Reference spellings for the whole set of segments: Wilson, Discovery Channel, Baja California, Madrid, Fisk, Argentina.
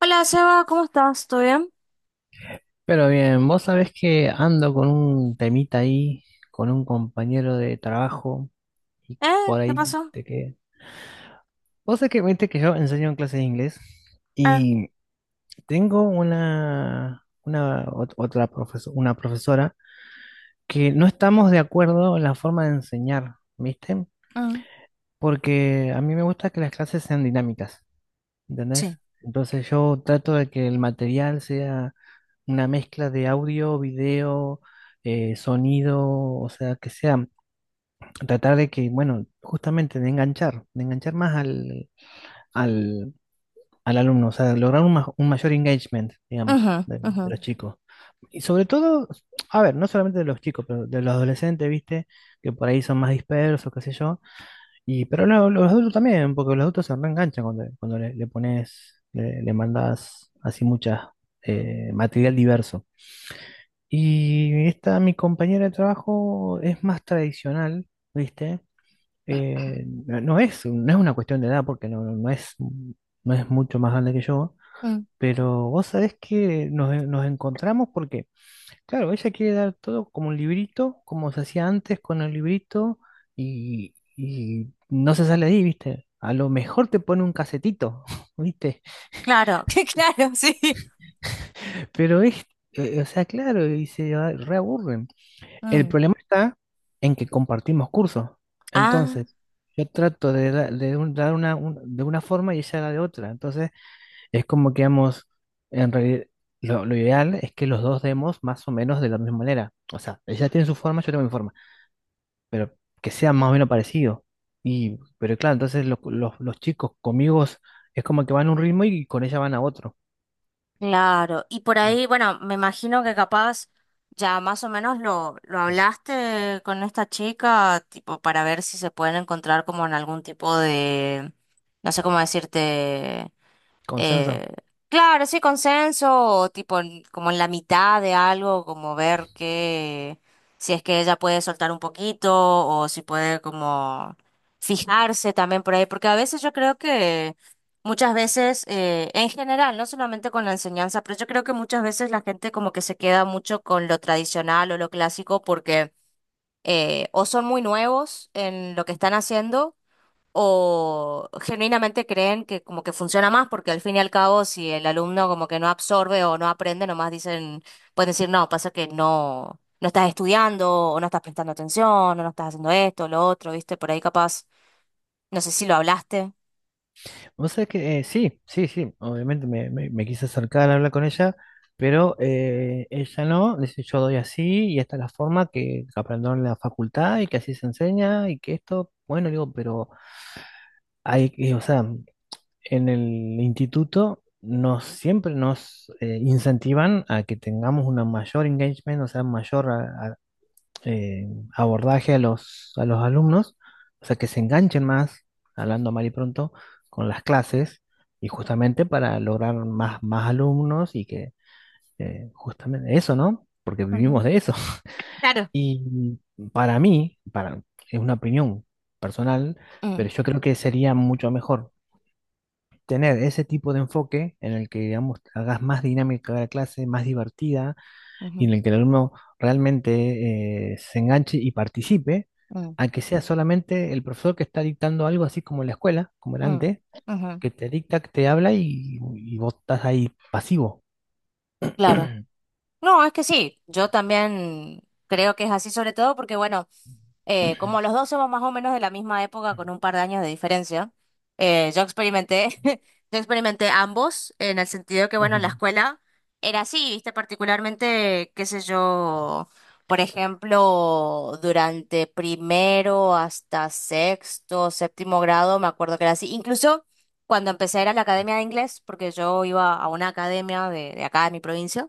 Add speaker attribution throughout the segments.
Speaker 1: Hola Seba, ¿cómo estás? ¿Todo bien?
Speaker 2: Pero bien, vos sabés que ando con un temita ahí, con un compañero de trabajo, y
Speaker 1: ¿Eh?
Speaker 2: por
Speaker 1: ¿Qué
Speaker 2: ahí
Speaker 1: pasó?
Speaker 2: te quedé. Vos sabés que, viste que yo enseño en clases de inglés
Speaker 1: Eh,
Speaker 2: y tengo una profesora que no estamos de acuerdo en la forma de enseñar, ¿viste?
Speaker 1: mm,
Speaker 2: Porque a mí me gusta que las clases sean dinámicas.
Speaker 1: sí.
Speaker 2: ¿Entendés? Entonces yo trato de que el material sea una mezcla de audio, video, sonido, o sea, que sea, tratar de que, bueno, justamente de enganchar más al, al alumno, o sea, lograr un mayor engagement, digamos,
Speaker 1: Ujú, ujú,
Speaker 2: de los chicos. Y sobre todo, a ver, no solamente de los chicos, pero de los adolescentes, ¿viste? Que por ahí son más dispersos, qué sé yo y, pero no, los adultos también, porque los adultos se reenganchan cuando le pones, le mandás así mucha material diverso. Y esta, mi compañera de trabajo es más tradicional, ¿viste? No es una cuestión de edad, porque no es mucho más grande que yo,
Speaker 1: mm,
Speaker 2: pero vos sabés que nos encontramos porque, claro, ella quiere dar todo como un librito, como se hacía antes con el librito, y no se sale de ahí, ¿viste? A lo mejor te pone un casetito, ¿viste?
Speaker 1: claro, que claro, sí.
Speaker 2: Pero es, o sea, claro, y se a- reaburren. El
Speaker 1: Mm,
Speaker 2: problema está en que compartimos cursos.
Speaker 1: ah,
Speaker 2: Entonces, yo trato de, da- de un- dar una, un- de una forma y ella da de otra. Entonces, es como que vamos, en realidad, lo ideal es que los dos demos más o menos de la misma manera. O sea, ella tiene su forma, yo tengo mi forma pero que sea más o menos parecido. Y, pero claro, entonces los chicos conmigo es como que van a un ritmo y con ella van a otro.
Speaker 1: claro. Y por ahí, bueno, me imagino que capaz ya más o menos lo hablaste con esta chica, tipo, para ver si se pueden encontrar como en algún tipo de, no sé cómo decirte.
Speaker 2: Consenso.
Speaker 1: Eh, claro, sí, consenso, o tipo como en la mitad de algo, como ver que si es que ella puede soltar un poquito o si puede como fijarse también por ahí, porque a veces yo creo que muchas veces, en general, no solamente con la enseñanza, pero yo creo que muchas veces la gente como que se queda mucho con lo tradicional o lo clásico porque o son muy nuevos en lo que están haciendo o genuinamente creen que como que funciona más, porque al fin y al cabo, si el alumno como que no absorbe o no aprende, nomás dicen, pueden decir, no, pasa que no, no estás estudiando, o no estás prestando atención, o no estás haciendo esto, lo otro, ¿viste? Por ahí capaz, no sé si lo hablaste.
Speaker 2: No sé que sí, sí, sí, obviamente me quise acercar a hablar con ella, pero ella no, dice yo doy así y esta es la forma que aprendieron en la facultad y que así se enseña y que esto, bueno, digo, pero hay, que- o sea, en el instituto nos siempre nos incentivan a que tengamos una mayor engagement, o sea, mayor a- eh, abordaje a a los alumnos, o sea, que se enganchen más, hablando mal y pronto, con las clases, y justamente para lograr más, más alumnos y que justamente eso, ¿no? Porque
Speaker 1: Ujú.
Speaker 2: vivimos de eso.
Speaker 1: Claro.
Speaker 2: Y para mí, para, es una opinión personal, pero
Speaker 1: Mm,
Speaker 2: yo creo que sería mucho mejor tener ese tipo de enfoque en el que, digamos, hagas más dinámica la clase, más divertida, y
Speaker 1: ujú,
Speaker 2: en el que el alumno realmente se enganche y participe,
Speaker 1: mm,
Speaker 2: a que sea solamente el profesor que está dictando algo así como en la escuela, como era
Speaker 1: mm,
Speaker 2: antes,
Speaker 1: ujú,
Speaker 2: que te dicta, que te habla y vos estás ahí pasivo.
Speaker 1: claro. No, es que sí, yo también creo que es así, sobre todo porque, bueno, como los dos somos más o menos de la misma época, con un par de años de diferencia, yo experimenté, yo experimenté ambos, en el sentido que, bueno, en la
Speaker 2: Ujú.
Speaker 1: escuela era así, viste, particularmente, qué sé yo, por ejemplo, durante primero hasta sexto, séptimo grado, me acuerdo que era así. Incluso cuando empecé a ir a la academia de inglés, porque yo iba a una academia de acá de mi provincia,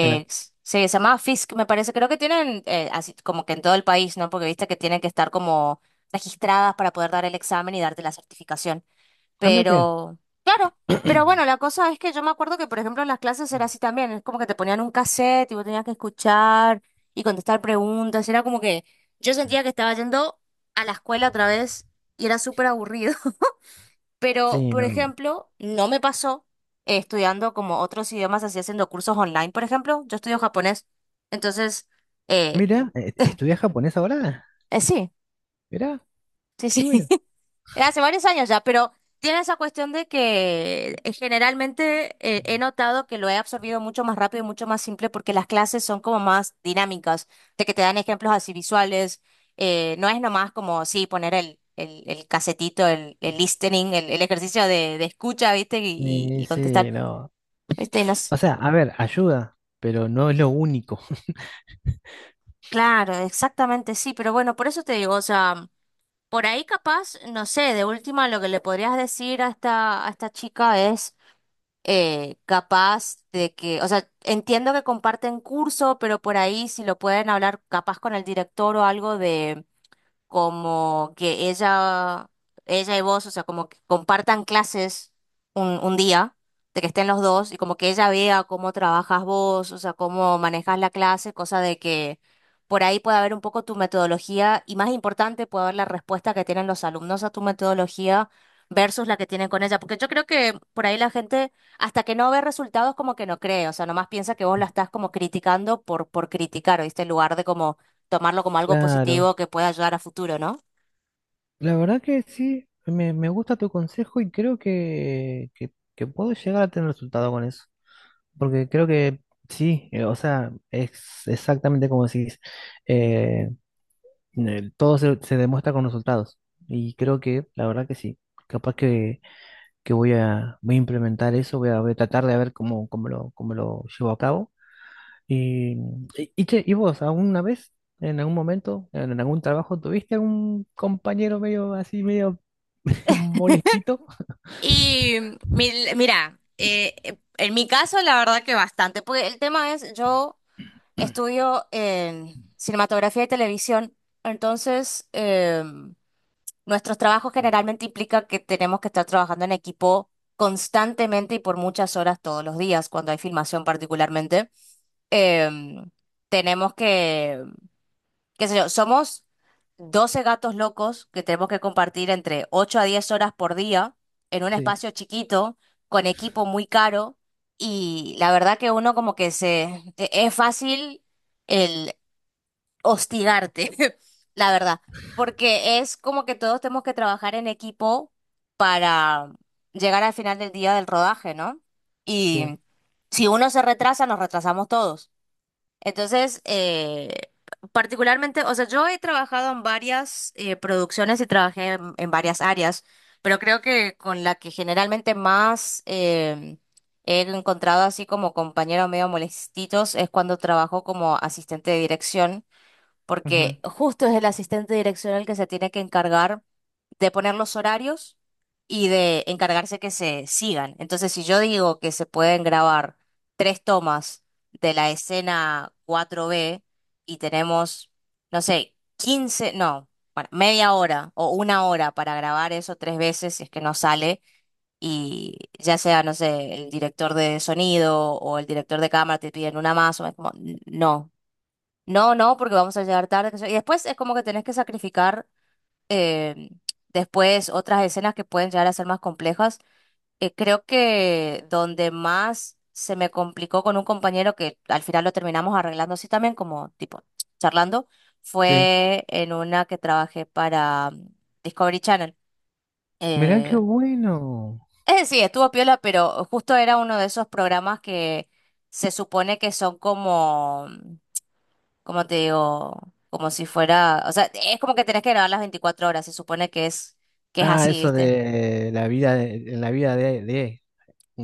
Speaker 2: Mira,
Speaker 1: se llamaba Fisk, me parece. Creo que tienen, así como que en todo el país, ¿no? Porque viste que tienen que estar como registradas para poder dar el examen y darte la certificación.
Speaker 2: ah, mira qué
Speaker 1: Pero, claro, pero
Speaker 2: bien.
Speaker 1: bueno, la cosa es que yo me acuerdo que, por ejemplo, en las clases era así también. Es como que te ponían un cassette y vos tenías que escuchar y contestar preguntas. Era como que yo sentía que estaba yendo a la escuela otra vez y era súper aburrido. Pero,
Speaker 2: Sí,
Speaker 1: por
Speaker 2: no.
Speaker 1: ejemplo, no me pasó estudiando como otros idiomas, así haciendo cursos online, por ejemplo. Yo estudio japonés. Entonces, eh,
Speaker 2: Mira, ¿estudias japonés ahora?
Speaker 1: sí,
Speaker 2: Mira,
Speaker 1: sí,
Speaker 2: qué
Speaker 1: sí.
Speaker 2: bueno.
Speaker 1: Hace varios años ya, pero tiene esa cuestión de que generalmente he notado que lo he absorbido mucho más rápido y mucho más simple porque las clases son como más dinámicas, de que te dan ejemplos así visuales. No es nomás como, sí, poner el casetito, el listening, el ejercicio de escucha, ¿viste? y y-
Speaker 2: Sí,
Speaker 1: y contestar.
Speaker 2: sí, no.
Speaker 1: Este, no nos-
Speaker 2: O sea, a ver, ayuda, pero no es lo único.
Speaker 1: claro, exactamente sí, pero bueno, por eso te digo, o sea, por ahí capaz, no sé, de última lo que le podrías decir a esta chica es capaz de que, o sea, entiendo que comparten curso, pero por ahí si lo pueden hablar capaz con el director o algo como que ella y vos, o sea, como que compartan clases un día, de que estén los dos, y como que ella vea cómo trabajas vos, o sea, cómo manejas la clase, cosa de que por ahí pueda haber un poco tu metodología, y más importante, puede haber la respuesta que tienen los alumnos a tu metodología versus la que tienen con ella, porque yo creo que por ahí la gente, hasta que no ve resultados, como que no cree, o sea, nomás piensa que vos la estás como criticando por criticar, ¿oíste? En lugar de como tomarlo como algo
Speaker 2: Claro,
Speaker 1: positivo que pueda ayudar a futuro, ¿no?
Speaker 2: la verdad que sí, me gusta tu consejo y creo que puedo llegar a tener resultado con eso, porque creo que sí, o sea, es exactamente como decís, eh, todo se demuestra con resultados y creo que la verdad que sí, capaz que voy a implementar eso, voy a tratar de ver cómo, cómo lo llevo a cabo. Y, y che, ¿y vos alguna vez, en algún momento, en algún trabajo, tuviste algún compañero medio así, medio molestito?
Speaker 1: Y mira, en mi caso la verdad que bastante, porque el tema es, yo estudio en cinematografía y televisión, entonces nuestros trabajos generalmente implica que tenemos que estar trabajando en equipo constantemente y por muchas horas todos los días, cuando hay filmación particularmente. Em, tenemos que qué sé yo, somos 12 gatos locos que tenemos que compartir entre 8 a 10 horas por día en un
Speaker 2: Sí,
Speaker 1: espacio chiquito, con equipo muy caro, y la verdad que uno como que se. Es fácil el hostigarte, la verdad, porque es como que todos tenemos que trabajar en equipo para llegar al final del día del rodaje, ¿no?
Speaker 2: sí,
Speaker 1: Y si uno se retrasa, nos retrasamos todos. Entonces, particularmente, o sea, yo he trabajado en varias producciones y trabajé en varias áreas, pero creo que con la que generalmente más he encontrado así como compañeros medio molestitos es cuando trabajo como asistente de dirección
Speaker 2: ujú,
Speaker 1: porque justo es el asistente direccional que se tiene que encargar de poner los horarios y de encargarse que se sigan. Entonces, si yo digo que se pueden grabar tres tomas de la escena cuatro b y tenemos, no sé, 15, no, bueno, media hora o una hora para grabar eso tres veces si es que no sale. Y ya sea, no sé, el director de sonido o el director de cámara te piden una más, o es como, no, no, no, porque vamos a llegar tarde, que sé yo. Y después es como que tenés que sacrificar eh, después otras escenas que pueden llegar a ser más complejas. Creo que donde más se me complicó con un compañero que al final lo terminamos arreglando así también, como tipo charlando,
Speaker 2: sí.
Speaker 1: fue en una que trabajé para Discovery Channel.
Speaker 2: Mirá qué
Speaker 1: Eh,
Speaker 2: bueno.
Speaker 1: es decir, estuvo piola, pero justo era uno de esos programas que se supone que son como como te digo, como si fuera, o sea, es como que tenés que grabar las 24 horas, se supone que es
Speaker 2: Ah,
Speaker 1: así,
Speaker 2: eso
Speaker 1: ¿viste?
Speaker 2: de la vida de la vida de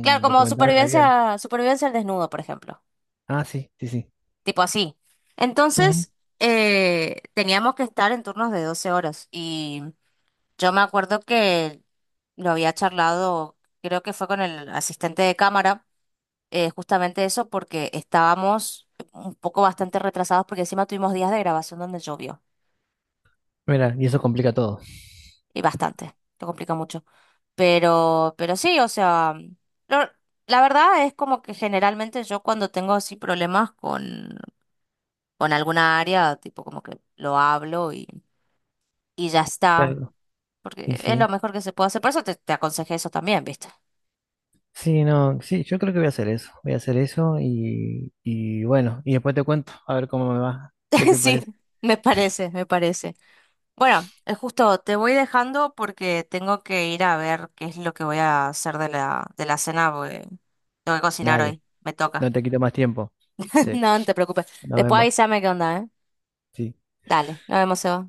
Speaker 1: Claro, como
Speaker 2: documental de la vida.
Speaker 1: supervivencia, supervivencia al desnudo, por ejemplo,
Speaker 2: Ah, sí, sí, sí.
Speaker 1: tipo así.
Speaker 2: Ujú.
Speaker 1: Entonces, teníamos que estar en turnos de 12 horas y yo me acuerdo que lo había charlado, creo que fue con el asistente de cámara, justamente eso porque estábamos un poco bastante retrasados porque encima tuvimos días de grabación donde llovió.
Speaker 2: Mirá, y eso complica todo.
Speaker 1: Y bastante, lo complica mucho. Pero sí, o sea, lo- la verdad es como que generalmente yo cuando tengo así problemas con alguna área, tipo como que lo hablo y ya está,
Speaker 2: Claro. Y
Speaker 1: porque es lo
Speaker 2: sí.
Speaker 1: mejor que se puede hacer. Por eso te aconsejé eso también, ¿viste?
Speaker 2: Sí, no, sí, yo creo que voy a hacer eso. Voy a hacer eso y bueno, y después te cuento a ver cómo me va. ¿Qué te
Speaker 1: Sí,
Speaker 2: parece?
Speaker 1: me parece, me parece. Bueno, justo te voy dejando porque tengo que ir a ver qué es lo que voy a hacer de la cena, porque tengo que cocinar
Speaker 2: Dale,
Speaker 1: hoy, me
Speaker 2: no
Speaker 1: toca.
Speaker 2: te quito más tiempo. Sí,
Speaker 1: No, no te preocupes.
Speaker 2: nos
Speaker 1: Después
Speaker 2: vemos.
Speaker 1: avísame qué onda, ¿eh?
Speaker 2: Sí.
Speaker 1: Dale, nos vemos, Seba.